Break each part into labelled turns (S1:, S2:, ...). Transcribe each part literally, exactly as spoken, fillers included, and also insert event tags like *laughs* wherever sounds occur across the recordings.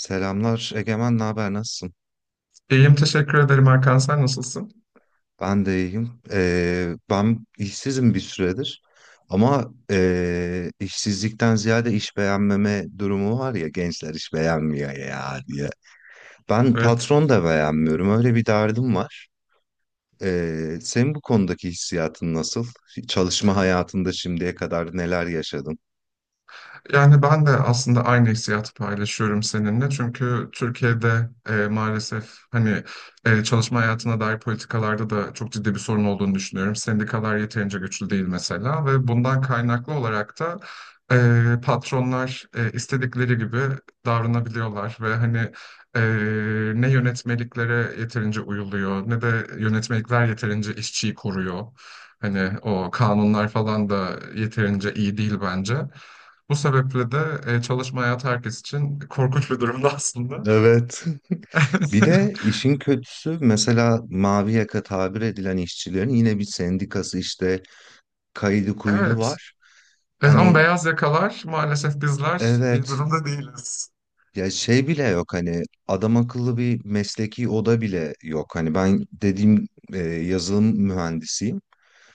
S1: Selamlar Egemen, ne haber, nasılsın?
S2: İyiyim teşekkür ederim Hakan sen nasılsın?
S1: Ben de iyiyim. Ee, ben işsizim bir süredir ama ee, işsizlikten ziyade iş beğenmeme durumu var ya gençler iş beğenmiyor ya diye. Ben
S2: Evet.
S1: patron da beğenmiyorum, öyle bir derdim var. Ee, senin bu konudaki hissiyatın nasıl? Çalışma hayatında şimdiye kadar neler yaşadın?
S2: Yani ben de aslında aynı hissiyatı paylaşıyorum seninle. Çünkü Türkiye'de e, maalesef hani e, çalışma hayatına dair politikalarda da çok ciddi bir sorun olduğunu düşünüyorum. Sendikalar yeterince güçlü değil mesela ve bundan kaynaklı olarak da e, patronlar e, istedikleri gibi davranabiliyorlar ve hani e, ne yönetmeliklere yeterince uyuluyor ne de yönetmelikler yeterince işçiyi koruyor. Hani o kanunlar falan da yeterince iyi değil bence. Bu sebeple de e, çalışma hayatı herkes için korkunç bir durumda aslında.
S1: Evet. *laughs* Bir de
S2: *laughs*
S1: işin kötüsü mesela mavi yaka tabir edilen işçilerin yine bir sendikası işte kaydı kuydu
S2: Evet.
S1: var.
S2: Evet, ama
S1: Hani
S2: beyaz yakalar maalesef bizler iyi
S1: evet,
S2: durumda değiliz.
S1: ya şey bile yok, hani adam akıllı bir mesleki oda bile yok. Hani ben dediğim e, yazılım mühendisiyim.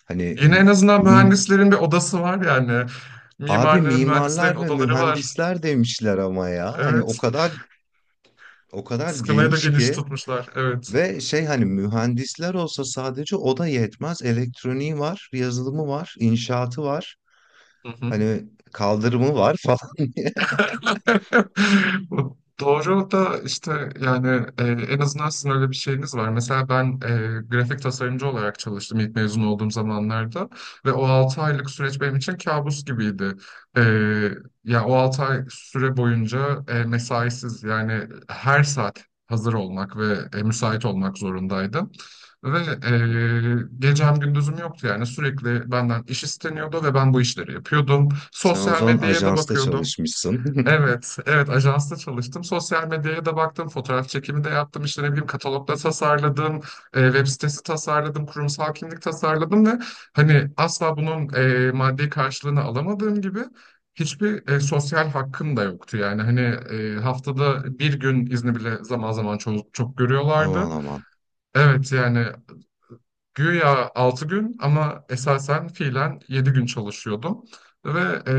S1: Hani
S2: Yine
S1: m-
S2: en azından
S1: mi-
S2: mühendislerin bir odası var yani.
S1: abi
S2: Mimarların, mühendislerin
S1: mimarlar ve
S2: odaları var.
S1: mühendisler demişler ama ya. Hani o
S2: Evet.
S1: kadar o kadar
S2: Skalayı da
S1: geniş
S2: geniş
S1: ki
S2: tutmuşlar. Evet.
S1: ve şey hani mühendisler olsa sadece o da yetmez. Elektroniği var, yazılımı var, inşaatı var.
S2: Hı hı.
S1: Hani kaldırımı var *laughs* falan.
S2: *laughs* Doğru da işte yani e, en azından sizin öyle bir şeyiniz var. Mesela ben e, grafik tasarımcı olarak çalıştım ilk mezun olduğum zamanlarda ve o altı aylık süreç benim için kabus gibiydi. E, Ya o altı ay süre boyunca e, mesaisiz yani her saat hazır olmak ve e, müsait olmak zorundaydım. Ve e, gecem gündüzüm yoktu yani sürekli benden iş isteniyordu ve ben bu işleri yapıyordum.
S1: Sen o
S2: Sosyal
S1: zaman
S2: medyaya da
S1: ajansta
S2: bakıyordum.
S1: çalışmışsın. *laughs*
S2: Evet, evet ajansta çalıştım. Sosyal medyaya da baktım, fotoğraf çekimi de yaptım, işte ne bileyim katalogda tasarladım, e, web sitesi tasarladım, kurumsal kimlik tasarladım ve hani asla bunun e, maddi karşılığını alamadığım gibi hiçbir e, sosyal hakkım da yoktu. Yani hani e, haftada bir gün izni bile zaman zaman çok, çok görüyorlardı.
S1: Aman aman.
S2: Evet yani Güya altı gün ama esasen fiilen yedi gün çalışıyordum. Ve e,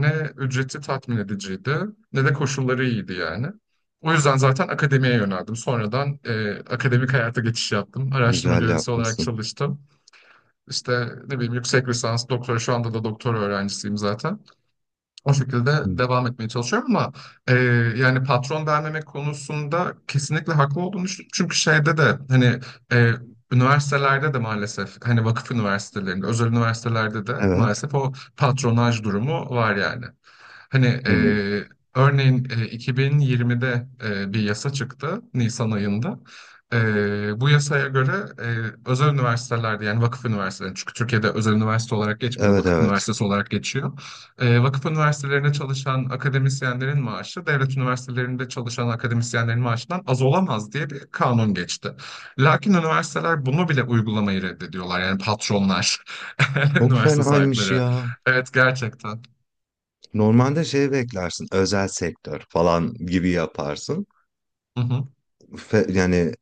S2: ne ücreti tatmin ediciydi ne de koşulları iyiydi yani. O yüzden zaten akademiye yöneldim. Sonradan e, akademik hayata geçiş yaptım. Araştırma
S1: Güzel
S2: görevlisi olarak
S1: yapmışsın.
S2: çalıştım. İşte ne bileyim yüksek lisans, doktora şu anda da doktora öğrencisiyim zaten. O şekilde
S1: Hmm.
S2: devam etmeye çalışıyorum ama e, yani patron vermemek konusunda kesinlikle haklı olduğunu düşünüyorum. Çünkü şeyde de hani e, üniversitelerde de maalesef hani vakıf üniversitelerinde, özel üniversitelerde de
S1: Evet.
S2: maalesef o patronaj durumu var yani. Hani
S1: Hmm.
S2: e, örneğin e, iki bin yirmide e, bir yasa çıktı Nisan ayında. E, bu yasaya göre e, özel üniversitelerde yani vakıf üniversiteleri çünkü Türkiye'de özel üniversite olarak geçmiyor,
S1: Evet,
S2: vakıf
S1: evet.
S2: üniversitesi olarak geçiyor. E, vakıf üniversitelerinde çalışan akademisyenlerin maaşı devlet üniversitelerinde çalışan akademisyenlerin maaşından az olamaz diye bir kanun geçti. Lakin üniversiteler bunu bile uygulamayı reddediyorlar. Yani patronlar, *laughs*
S1: Çok
S2: üniversite
S1: fenaymış
S2: sahipleri.
S1: ya.
S2: Evet gerçekten.
S1: Normalde şey beklersin. Özel sektör falan gibi yaparsın.
S2: Hı hı.
S1: Fe- yani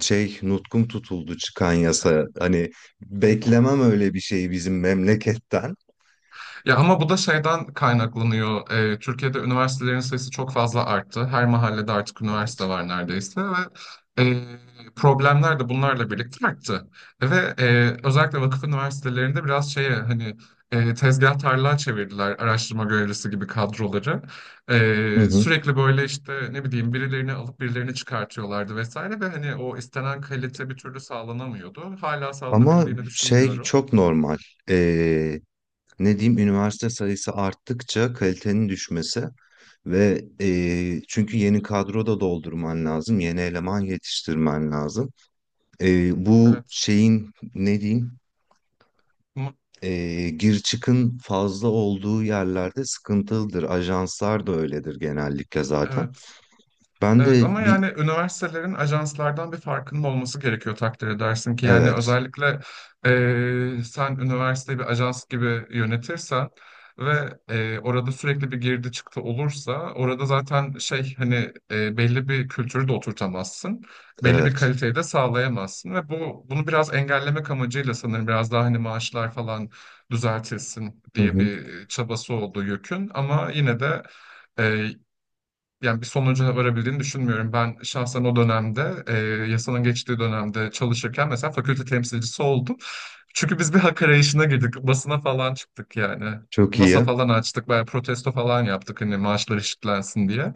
S1: şey nutkum tutuldu çıkan yasa. Hani beklemem öyle bir şeyi bizim memleketten.
S2: Ya ama bu da şeyden kaynaklanıyor. Ee, Türkiye'de üniversitelerin sayısı çok fazla arttı. Her mahallede artık üniversite
S1: Evet.
S2: var neredeyse ve e, problemler de bunlarla birlikte arttı. Ve e, özellikle vakıf üniversitelerinde biraz şeye hani e, tezgah tarlağa çevirdiler araştırma görevlisi gibi kadroları.
S1: Hı
S2: E,
S1: hı.
S2: sürekli böyle işte ne bileyim birilerini alıp birilerini çıkartıyorlardı vesaire ve hani o istenen kalite bir türlü sağlanamıyordu. Hala
S1: Ama
S2: sağlanabildiğini
S1: şey
S2: düşünmüyorum.
S1: çok normal. Ee, ne diyeyim, üniversite sayısı arttıkça kalitenin düşmesi ve e, çünkü yeni kadro da doldurman lazım, yeni eleman yetiştirmen lazım. E, bu
S2: Evet.
S1: şeyin, ne diyeyim,
S2: Mu-
S1: e, gir çıkın fazla olduğu yerlerde sıkıntılıdır. Ajanslar da öyledir genellikle zaten.
S2: Evet.
S1: Ben
S2: Evet ama
S1: de bir
S2: yani üniversitelerin ajanslardan bir farkının olması gerekiyor takdir edersin ki yani
S1: evet,
S2: özellikle eee, sen üniversiteyi bir ajans gibi yönetirsen ve eee, orada sürekli bir girdi çıktı olursa orada zaten şey hani eee, belli bir kültürü de oturtamazsın. Belli bir
S1: evet,
S2: kaliteyi de sağlayamazsın ve bu bunu biraz engellemek amacıyla sanırım biraz daha hani maaşlar falan düzeltilsin
S1: hı
S2: diye
S1: hı,
S2: bir çabası oldu YÖK'ün ama yine de yani bir sonuca varabildiğini düşünmüyorum. Ben şahsen o dönemde, e, yasanın geçtiği dönemde çalışırken mesela fakülte temsilcisi oldum. Çünkü biz bir hak arayışına girdik. Basına falan çıktık yani.
S1: çok iyi.
S2: Masa falan açtık, bayağı protesto falan yaptık hani maaşlar eşitlensin diye.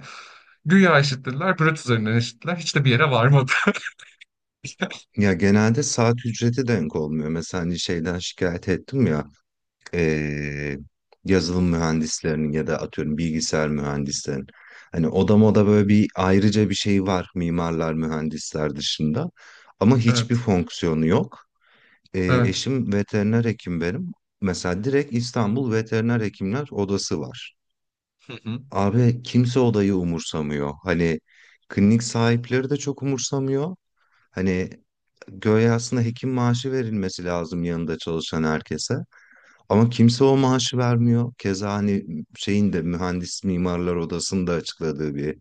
S2: Güya eşitlediler, brüt üzerinden eşitlediler. Hiç de bir yere varmadı. *laughs*
S1: Ya genelde saat ücreti denk olmuyor. Mesela hani şeyden şikayet ettim ya. eee, Yazılım mühendislerinin ya da atıyorum bilgisayar mühendislerinin. Hani oda moda böyle bir ayrıca bir şey var mimarlar mühendisler dışında ama hiçbir
S2: Evet,
S1: fonksiyonu yok. Eee,
S2: evet.
S1: eşim veteriner hekim benim. Mesela direkt İstanbul Veteriner Hekimler Odası var.
S2: Hı hı.
S1: Abi kimse odayı umursamıyor. Hani klinik sahipleri de çok umursamıyor. Hani göğe aslında hekim maaşı verilmesi lazım yanında çalışan herkese. Ama kimse o maaşı vermiyor. Keza hani şeyin de mühendis mimarlar odasında açıkladığı bir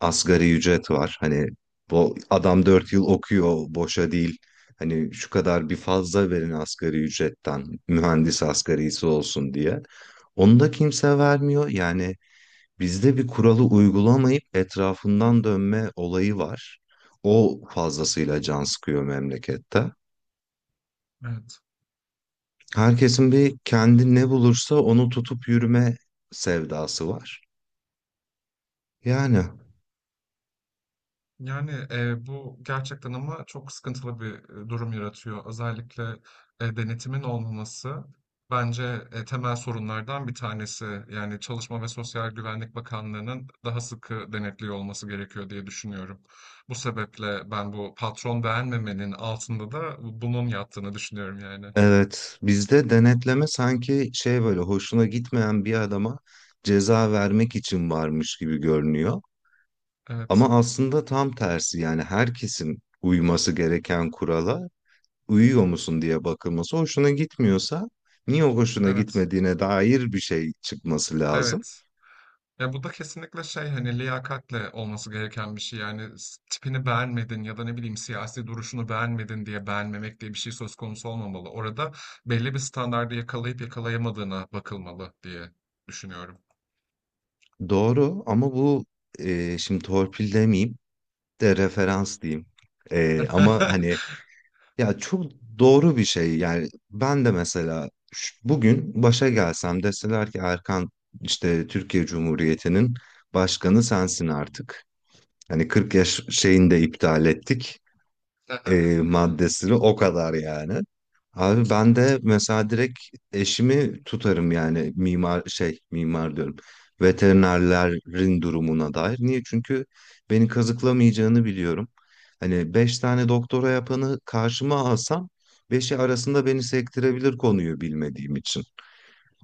S1: asgari ücret var. Hani bu adam dört yıl okuyor boşa değil. Hani şu kadar bir fazla verin asgari ücretten mühendis asgarisi olsun diye. Onu da kimse vermiyor. Yani bizde bir kuralı uygulamayıp etrafından dönme olayı var. O fazlasıyla can sıkıyor memlekette.
S2: Evet.
S1: Herkesin bir kendi ne bulursa onu tutup yürüme sevdası var. Yani
S2: Yani, eee, bu gerçekten ama çok sıkıntılı bir, eee, durum yaratıyor. Özellikle, eee, denetimin olmaması bence, eee, temel sorunlardan bir tanesi. Yani, Çalışma ve Sosyal Güvenlik Bakanlığı'nın daha sıkı denetliyor olması gerekiyor diye düşünüyorum. Bu sebeple ben bu patron beğenmemenin altında da bunun yattığını düşünüyorum yani.
S1: evet, bizde denetleme sanki şey böyle hoşuna gitmeyen bir adama ceza vermek için varmış gibi görünüyor.
S2: Evet,
S1: Ama aslında tam tersi, yani herkesin uyması gereken kurala uyuyor musun diye bakılması hoşuna gitmiyorsa niye o hoşuna
S2: evet,
S1: gitmediğine dair bir şey çıkması lazım.
S2: evet. Ya bu da kesinlikle şey hani liyakatle olması gereken bir şey. Yani s- tipini beğenmedin ya da ne bileyim siyasi duruşunu beğenmedin diye beğenmemek diye bir şey söz konusu olmamalı. Orada belli bir standardı yakalayıp yakalayamadığına bakılmalı diye düşünüyorum.
S1: Doğru ama bu, e, şimdi torpil demeyeyim de referans diyeyim. Ee, ama hani
S2: *laughs*
S1: ya, çok doğru bir şey yani. Ben de mesela, ş- bugün başa gelsem deseler ki Erkan, işte Türkiye Cumhuriyeti'nin başkanı sensin artık. Hani kırk yaş şeyini de iptal ettik, e, maddesini, o kadar yani. Abi ben de mesela direkt eşimi tutarım yani mimar şey mimar diyorum. Veterinerlerin durumuna dair. Niye? Çünkü beni kazıklamayacağını biliyorum. Hani beş tane doktora yapanı karşıma alsam beşi arasında beni sektirebilir konuyu bilmediğim için.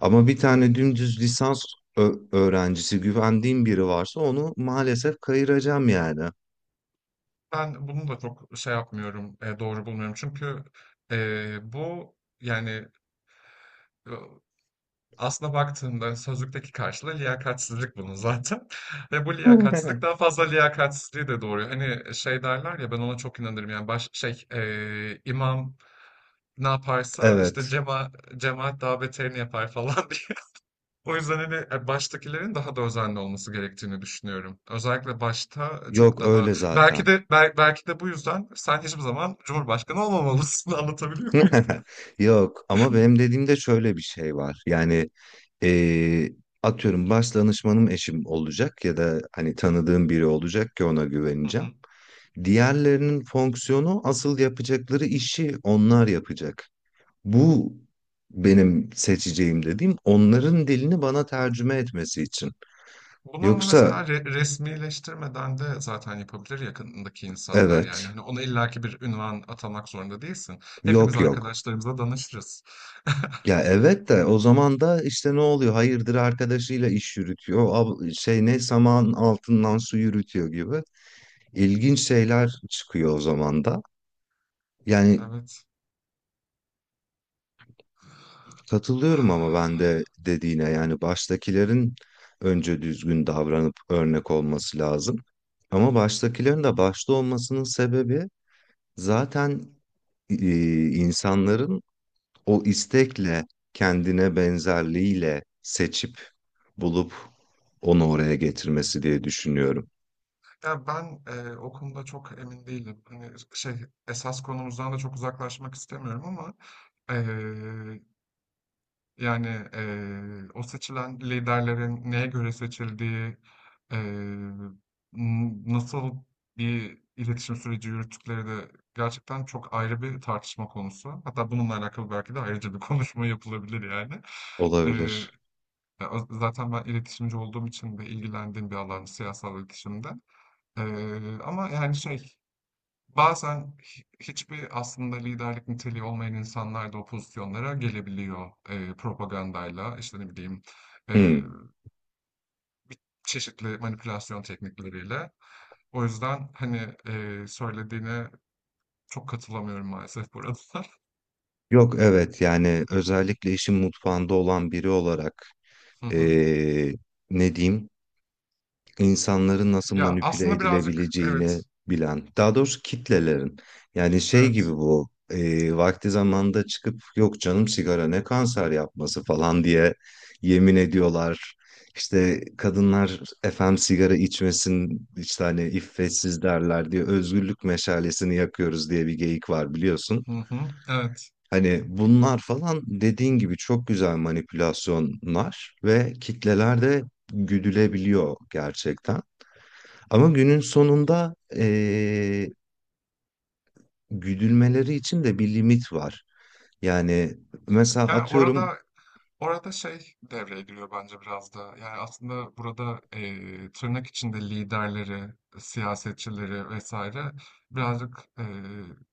S1: Ama bir tane dümdüz lisans ö- öğrencisi, güvendiğim biri varsa onu maalesef kayıracağım yani.
S2: Ben bunu da çok şey yapmıyorum, e, doğru bulmuyorum. Çünkü e, bu yani Aslına baktığında sözlükteki karşılığı liyakatsizlik bunun zaten *laughs* ve bu liyakatsizlik daha
S1: *laughs*
S2: fazla liyakatsizliği de doğuruyor. Hani şey derler ya ben ona çok inanırım yani baş, şey eee, imam ne yaparsa işte
S1: Evet.
S2: cema, cemaat daha beterini yapar falan *laughs* diye. O yüzden hani e, baştakilerin daha da özenli olması gerektiğini düşünüyorum. Özellikle başta çok
S1: Yok
S2: daha
S1: öyle
S2: belki
S1: zaten.
S2: de bel- belki de bu yüzden sen hiçbir zaman Cumhurbaşkanı olmamalısın *laughs* anlatabiliyor muyum?
S1: *laughs* Yok ama benim
S2: *laughs*
S1: dediğimde şöyle bir şey var. Yani eee, atıyorum, baş danışmanım eşim olacak ya da hani tanıdığım biri olacak ki ona
S2: Hı
S1: güveneceğim.
S2: hı.
S1: Diğerlerinin fonksiyonu, asıl yapacakları işi onlar yapacak. Bu benim seçeceğim dediğim, onların dilini bana tercüme etmesi için.
S2: Bunu ama
S1: Yoksa
S2: mesela re- resmileştirmeden de zaten yapabilir yakınındaki insanlar yani.
S1: evet,
S2: Hani ona illaki bir ünvan atamak zorunda değilsin. Hepimiz
S1: yok yok.
S2: arkadaşlarımıza danışırız.
S1: Ya
S2: *laughs*
S1: evet, de o zaman da işte ne oluyor? Hayırdır, arkadaşıyla iş yürütüyor. Ab- şey ne saman altından su yürütüyor gibi. İlginç şeyler çıkıyor o zaman da. Yani
S2: Evet.
S1: katılıyorum ama ben de dediğine, yani baştakilerin önce düzgün davranıp örnek olması lazım. Ama baştakilerin de başta olmasının sebebi zaten e, insanların o istekle, kendine benzerliğiyle seçip bulup onu oraya getirmesi diye düşünüyorum.
S2: Ya ben e, o konuda çok emin değilim. Hani şey esas konumuzdan da çok uzaklaşmak istemiyorum ama e, Yani, eee, o seçilen liderlerin neye göre seçildiği, eee, n nasıl bir iletişim süreci yürüttükleri de gerçekten çok ayrı bir tartışma konusu. Hatta bununla alakalı belki de ayrıca bir *laughs* konuşma yapılabilir yani. Eee,
S1: Olabilir.
S2: Ya, o zaten ben iletişimci olduğum için de ilgilendiğim bir alan siyasal iletişimde. Eee, ama yani şey, Bazen hi- hiçbir aslında liderlik niteliği olmayan insanlar da o pozisyonlara gelebiliyor. Eee, propagandayla, işte ne bileyim, eee,
S1: Hmm.
S2: bir çeşitli manipülasyon teknikleriyle. O yüzden hani eee, söylediğine çok katılamıyorum maalesef burada. *laughs*
S1: Yok, evet, yani özellikle işin mutfağında olan biri olarak,
S2: Hı hı.
S1: eee, ne diyeyim, insanların nasıl
S2: Ya
S1: manipüle
S2: aslında birazcık
S1: edilebileceğini
S2: evet,
S1: bilen, daha doğrusu kitlelerin. Yani şey gibi,
S2: evet.
S1: bu e, vakti zamanında çıkıp yok canım sigara ne kanser yapması falan diye yemin ediyorlar. İşte kadınlar efendim sigara içmesin işte hani iffetsiz derler diye özgürlük meşalesini yakıyoruz diye bir geyik var, biliyorsun.
S2: Hı hı, evet.
S1: Hani bunlar falan dediğin gibi çok güzel manipülasyonlar ve kitleler de güdülebiliyor gerçekten. Ama günün sonunda eee, güdülmeleri için de bir limit var. Yani mesela
S2: Ya
S1: atıyorum,
S2: orada Orada şey devreye giriyor bence biraz da. Yani aslında burada eee, tırnak içinde liderleri, siyasetçileri vesaire birazcık eee,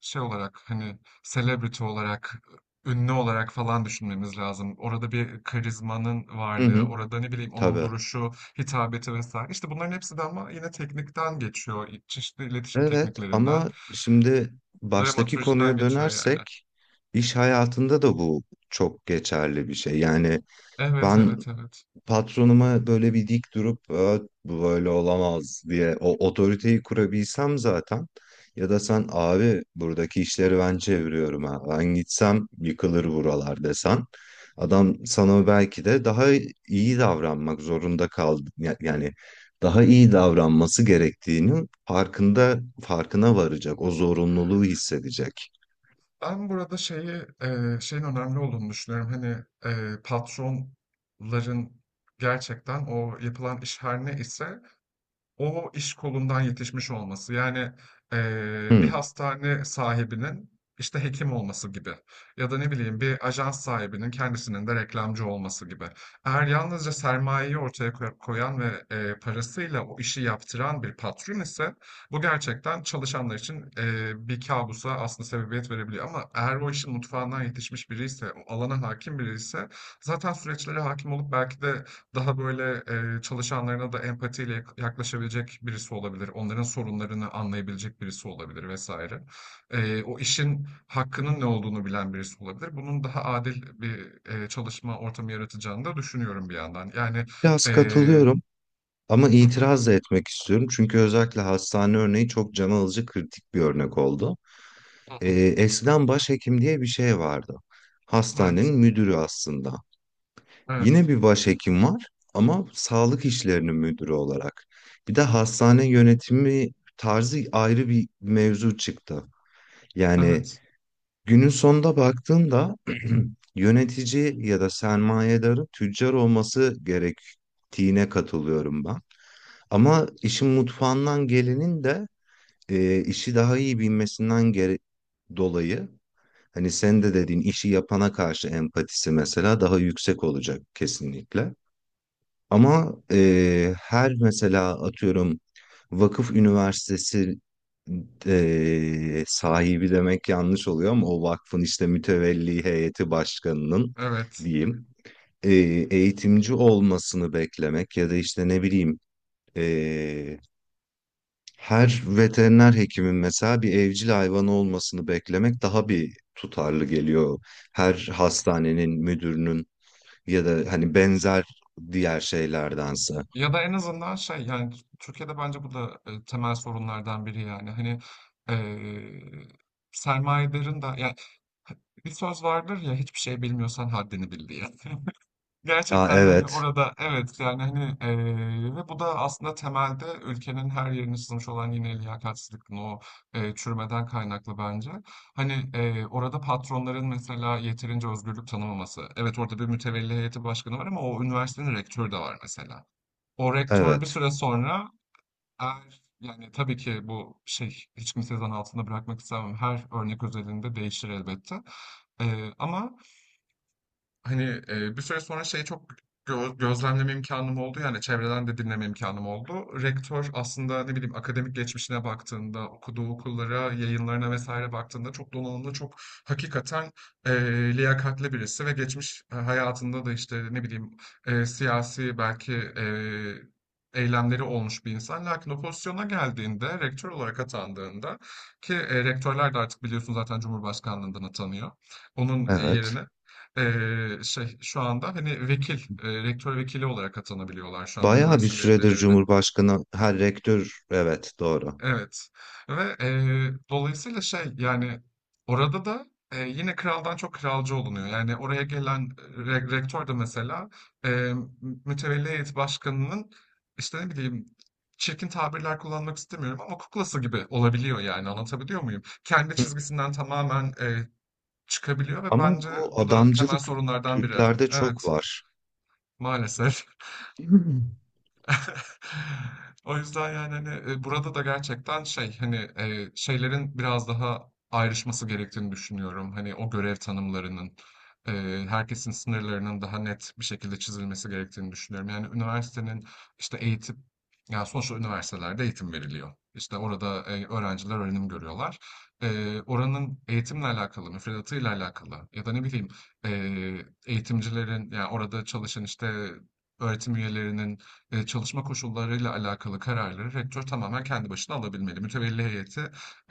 S2: şey olarak hani celebrity olarak, ünlü olarak falan düşünmemiz lazım. Orada bir karizmanın
S1: hı
S2: varlığı,
S1: hı,
S2: orada ne bileyim onun
S1: tabii.
S2: duruşu, hitabeti vesaire. İşte bunların hepsi de ama yine teknikten geçiyor. Çeşitli iletişim
S1: Evet
S2: tekniklerinden,
S1: ama şimdi baştaki
S2: dramaturjiden
S1: konuya
S2: geçiyor yani.
S1: dönersek iş hayatında da bu çok geçerli bir şey. Yani
S2: Evet,
S1: ben
S2: evet, evet.
S1: patronuma böyle bir dik durup, "Aa, bu böyle olamaz" diye o otoriteyi kurabilsem zaten, ya da sen abi buradaki işleri ben çeviriyorum ha, ben gitsem yıkılır buralar desen adam sana belki de daha iyi davranmak zorunda kaldı ya- yani daha iyi davranması gerektiğinin farkında farkına varacak, o zorunluluğu hissedecek.
S2: Ben burada şeyi eee, şeyin önemli olduğunu düşünüyorum. Hani eee, patronların gerçekten o yapılan iş her ne ise o iş kolundan yetişmiş olması yani eee, bir
S1: Hı.
S2: hastane sahibinin işte hekim olması gibi ya da ne bileyim bir ajans sahibinin kendisinin de reklamcı olması gibi. Eğer yalnızca sermayeyi ortaya koy- koyan ve eee, parasıyla o işi yaptıran bir patron ise bu gerçekten çalışanlar için eee, bir kabusa aslında sebebiyet verebiliyor. Ama eğer o işin mutfağından yetişmiş biri ise, o alana hakim biri ise zaten süreçlere hakim olup belki de daha böyle, eee, çalışanlarına da empatiyle yak yaklaşabilecek birisi olabilir. Onların sorunlarını anlayabilecek birisi olabilir vesaire. Eee, o işin hakkının ne olduğunu bilen birisi olabilir. Bunun daha adil bir, eee, çalışma ortamı yaratacağını da düşünüyorum bir yandan. Yani,
S1: Biraz
S2: eee
S1: katılıyorum. Ama
S2: Hı hı.
S1: itiraz da etmek istiyorum çünkü özellikle hastane örneği çok can alıcı, kritik bir örnek oldu.
S2: Hı
S1: Ee,
S2: hı.
S1: eskiden başhekim diye bir şey vardı.
S2: Evet.
S1: Hastanenin müdürü aslında. Yine
S2: Evet.
S1: bir başhekim var ama sağlık işlerinin müdürü olarak. Bir de hastane yönetimi tarzı ayrı bir mevzu çıktı. Yani
S2: Evet.
S1: günün sonunda baktığında *clears throat* yönetici ya da sermayedarın tüccar olması gerektiğine katılıyorum ben. Ama işin mutfağından gelenin de e, işi daha iyi bilmesinden gere- dolayı, hani sen de dediğin işi yapana karşı empatisi mesela daha yüksek olacak kesinlikle. Ama eee, her, mesela atıyorum, vakıf üniversitesi eee, sahibi demek yanlış oluyor ama o vakfın işte mütevelli heyeti başkanının
S2: Evet.
S1: diyeyim, eee, eğitimci olmasını beklemek ya da işte ne bileyim, eee, her veteriner hekimin mesela bir evcil hayvanı olmasını beklemek daha bir tutarlı geliyor. Her hastanenin müdürünün ya da hani benzer diğer şeylerdense.
S2: Ya da en azından şey, yani, Türkiye'de bence bu da, eee, temel sorunlardan biri yani. Hani, eee, sermayedarın da ya Bir söz vardır ya hiçbir şey bilmiyorsan haddini bil diye. *laughs*
S1: Ya
S2: Gerçekten yani
S1: evet,
S2: orada evet yani hani eee, ve bu da aslında temelde ülkenin her yerine sızmış olan yine liyakatsizlikin o eee, çürümeden kaynaklı bence. Hani eee, orada patronların mesela yeterince özgürlük tanımaması. Evet orada bir mütevelli heyeti başkanı var ama o üniversitenin rektörü de var mesela. O rektör bir
S1: evet,
S2: süre sonra eğer yani tabii ki bu şey hiç kimseyi zan altında bırakmak istemem. Her örnek özelinde değişir elbette. Eee, ama Hani e, bir süre sonra şey çok gö- gözlemleme imkanım oldu yani çevreden de dinleme imkanım oldu. Rektör aslında ne bileyim akademik geçmişine baktığında, okuduğu okullara, yayınlarına vesaire baktığında çok donanımlı, çok hakikaten e, liyakatli birisi ve geçmiş hayatında da işte ne bileyim e, siyasi belki e, eylemleri olmuş bir insan. Lakin o pozisyona geldiğinde, rektör olarak atandığında ki e, rektörler de artık biliyorsun zaten Cumhurbaşkanlığından atanıyor onun
S1: evet.
S2: yerine. Eee, şey şu anda hani vekil, eee, rektör vekili olarak atanabiliyorlar şu anda
S1: Bayağı bir
S2: üniversitelerin
S1: süredir
S2: belirledi.
S1: Cumhurbaşkanı her rektör, evet doğru.
S2: Evet. Ve eee, dolayısıyla şey yani orada da eee, yine kraldan çok kralcı olunuyor. Yani oraya gelen re- rektör de mesela eee mütevelli heyet başkanının işte ne bileyim çirkin tabirler kullanmak istemiyorum ama kuklası gibi olabiliyor yani anlatabiliyor muyum? Kendi
S1: Hı.
S2: çizgisinden tamamen eee, çıkabiliyor ve
S1: Ama
S2: bence
S1: bu
S2: bu da temel
S1: adamcılık
S2: sorunlardan biri.
S1: Türklerde çok
S2: Evet.
S1: var.
S2: Maalesef.
S1: *laughs* Hı.
S2: *laughs* O yüzden yani hani e, burada da gerçekten şey hani e, şeylerin biraz daha ayrışması gerektiğini düşünüyorum. Hani o görev tanımlarının e, herkesin sınırlarının daha net bir şekilde çizilmesi gerektiğini düşünüyorum. Yani üniversitenin işte eğitim yani sonuçta üniversitelerde eğitim veriliyor. İşte orada e, öğrenciler öğrenim görüyorlar. E, oranın eğitimle alakalı, müfredatıyla alakalı ya da ne bileyim e, eğitimcilerin yani orada çalışan işte öğretim üyelerinin Eee, çalışma koşullarıyla alakalı kararları rektör tamamen kendi başına alabilmeli. Mütevelli heyeti,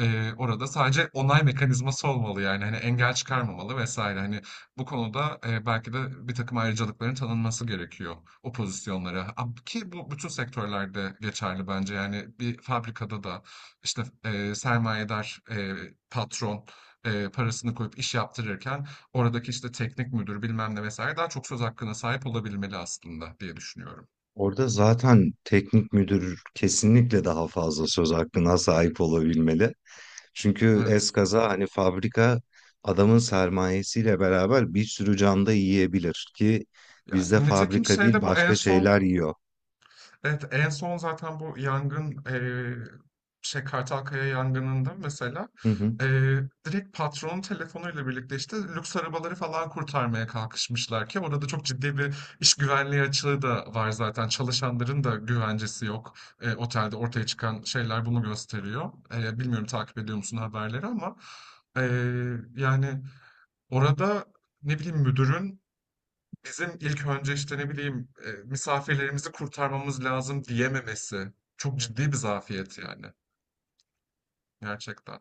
S2: eee, orada sadece onay mekanizması olmalı, yani, hani, engel çıkarmamalı vesaire Hani, bu konuda, eee, belki de bir takım ayrıcalıkların tanınması gerekiyor o pozisyonlara. A ki bu bütün sektörlerde geçerli bence. Yani, bir fabrikada da, işte, eee, sermayedar, eee, patron, eee, parasını koyup iş yaptırırken oradaki, işte, teknik müdür bilmem ne vesaire daha çok söz hakkına sahip olabilmeli aslında diye düşünüyorum.
S1: Orada zaten teknik müdür kesinlikle daha fazla söz hakkına sahip olabilmeli. Çünkü
S2: Evet.
S1: eskaza hani fabrika adamın sermayesiyle beraber bir sürü can da yiyebilir ki
S2: Ya,
S1: bizde
S2: nitekim
S1: fabrika değil
S2: şeyde bu en
S1: başka
S2: son
S1: şeyler yiyor.
S2: evet en son zaten bu yangın eee şey Kartalkaya yangınında mesela
S1: Hı hı.
S2: eee, direkt patronun telefonuyla birlikte işte lüks arabaları falan kurtarmaya kalkışmışlar ki orada çok ciddi bir iş güvenliği açığı da var zaten çalışanların da güvencesi yok Eee, otelde ortaya çıkan şeyler bunu gösteriyor. Eee, bilmiyorum takip ediyor musun haberleri ama eee, yani orada ne bileyim müdürün Bizim ilk önce işte ne bileyim e, misafirlerimizi kurtarmamız lazım diyememesi çok ciddi bir zafiyet yani gerçekten.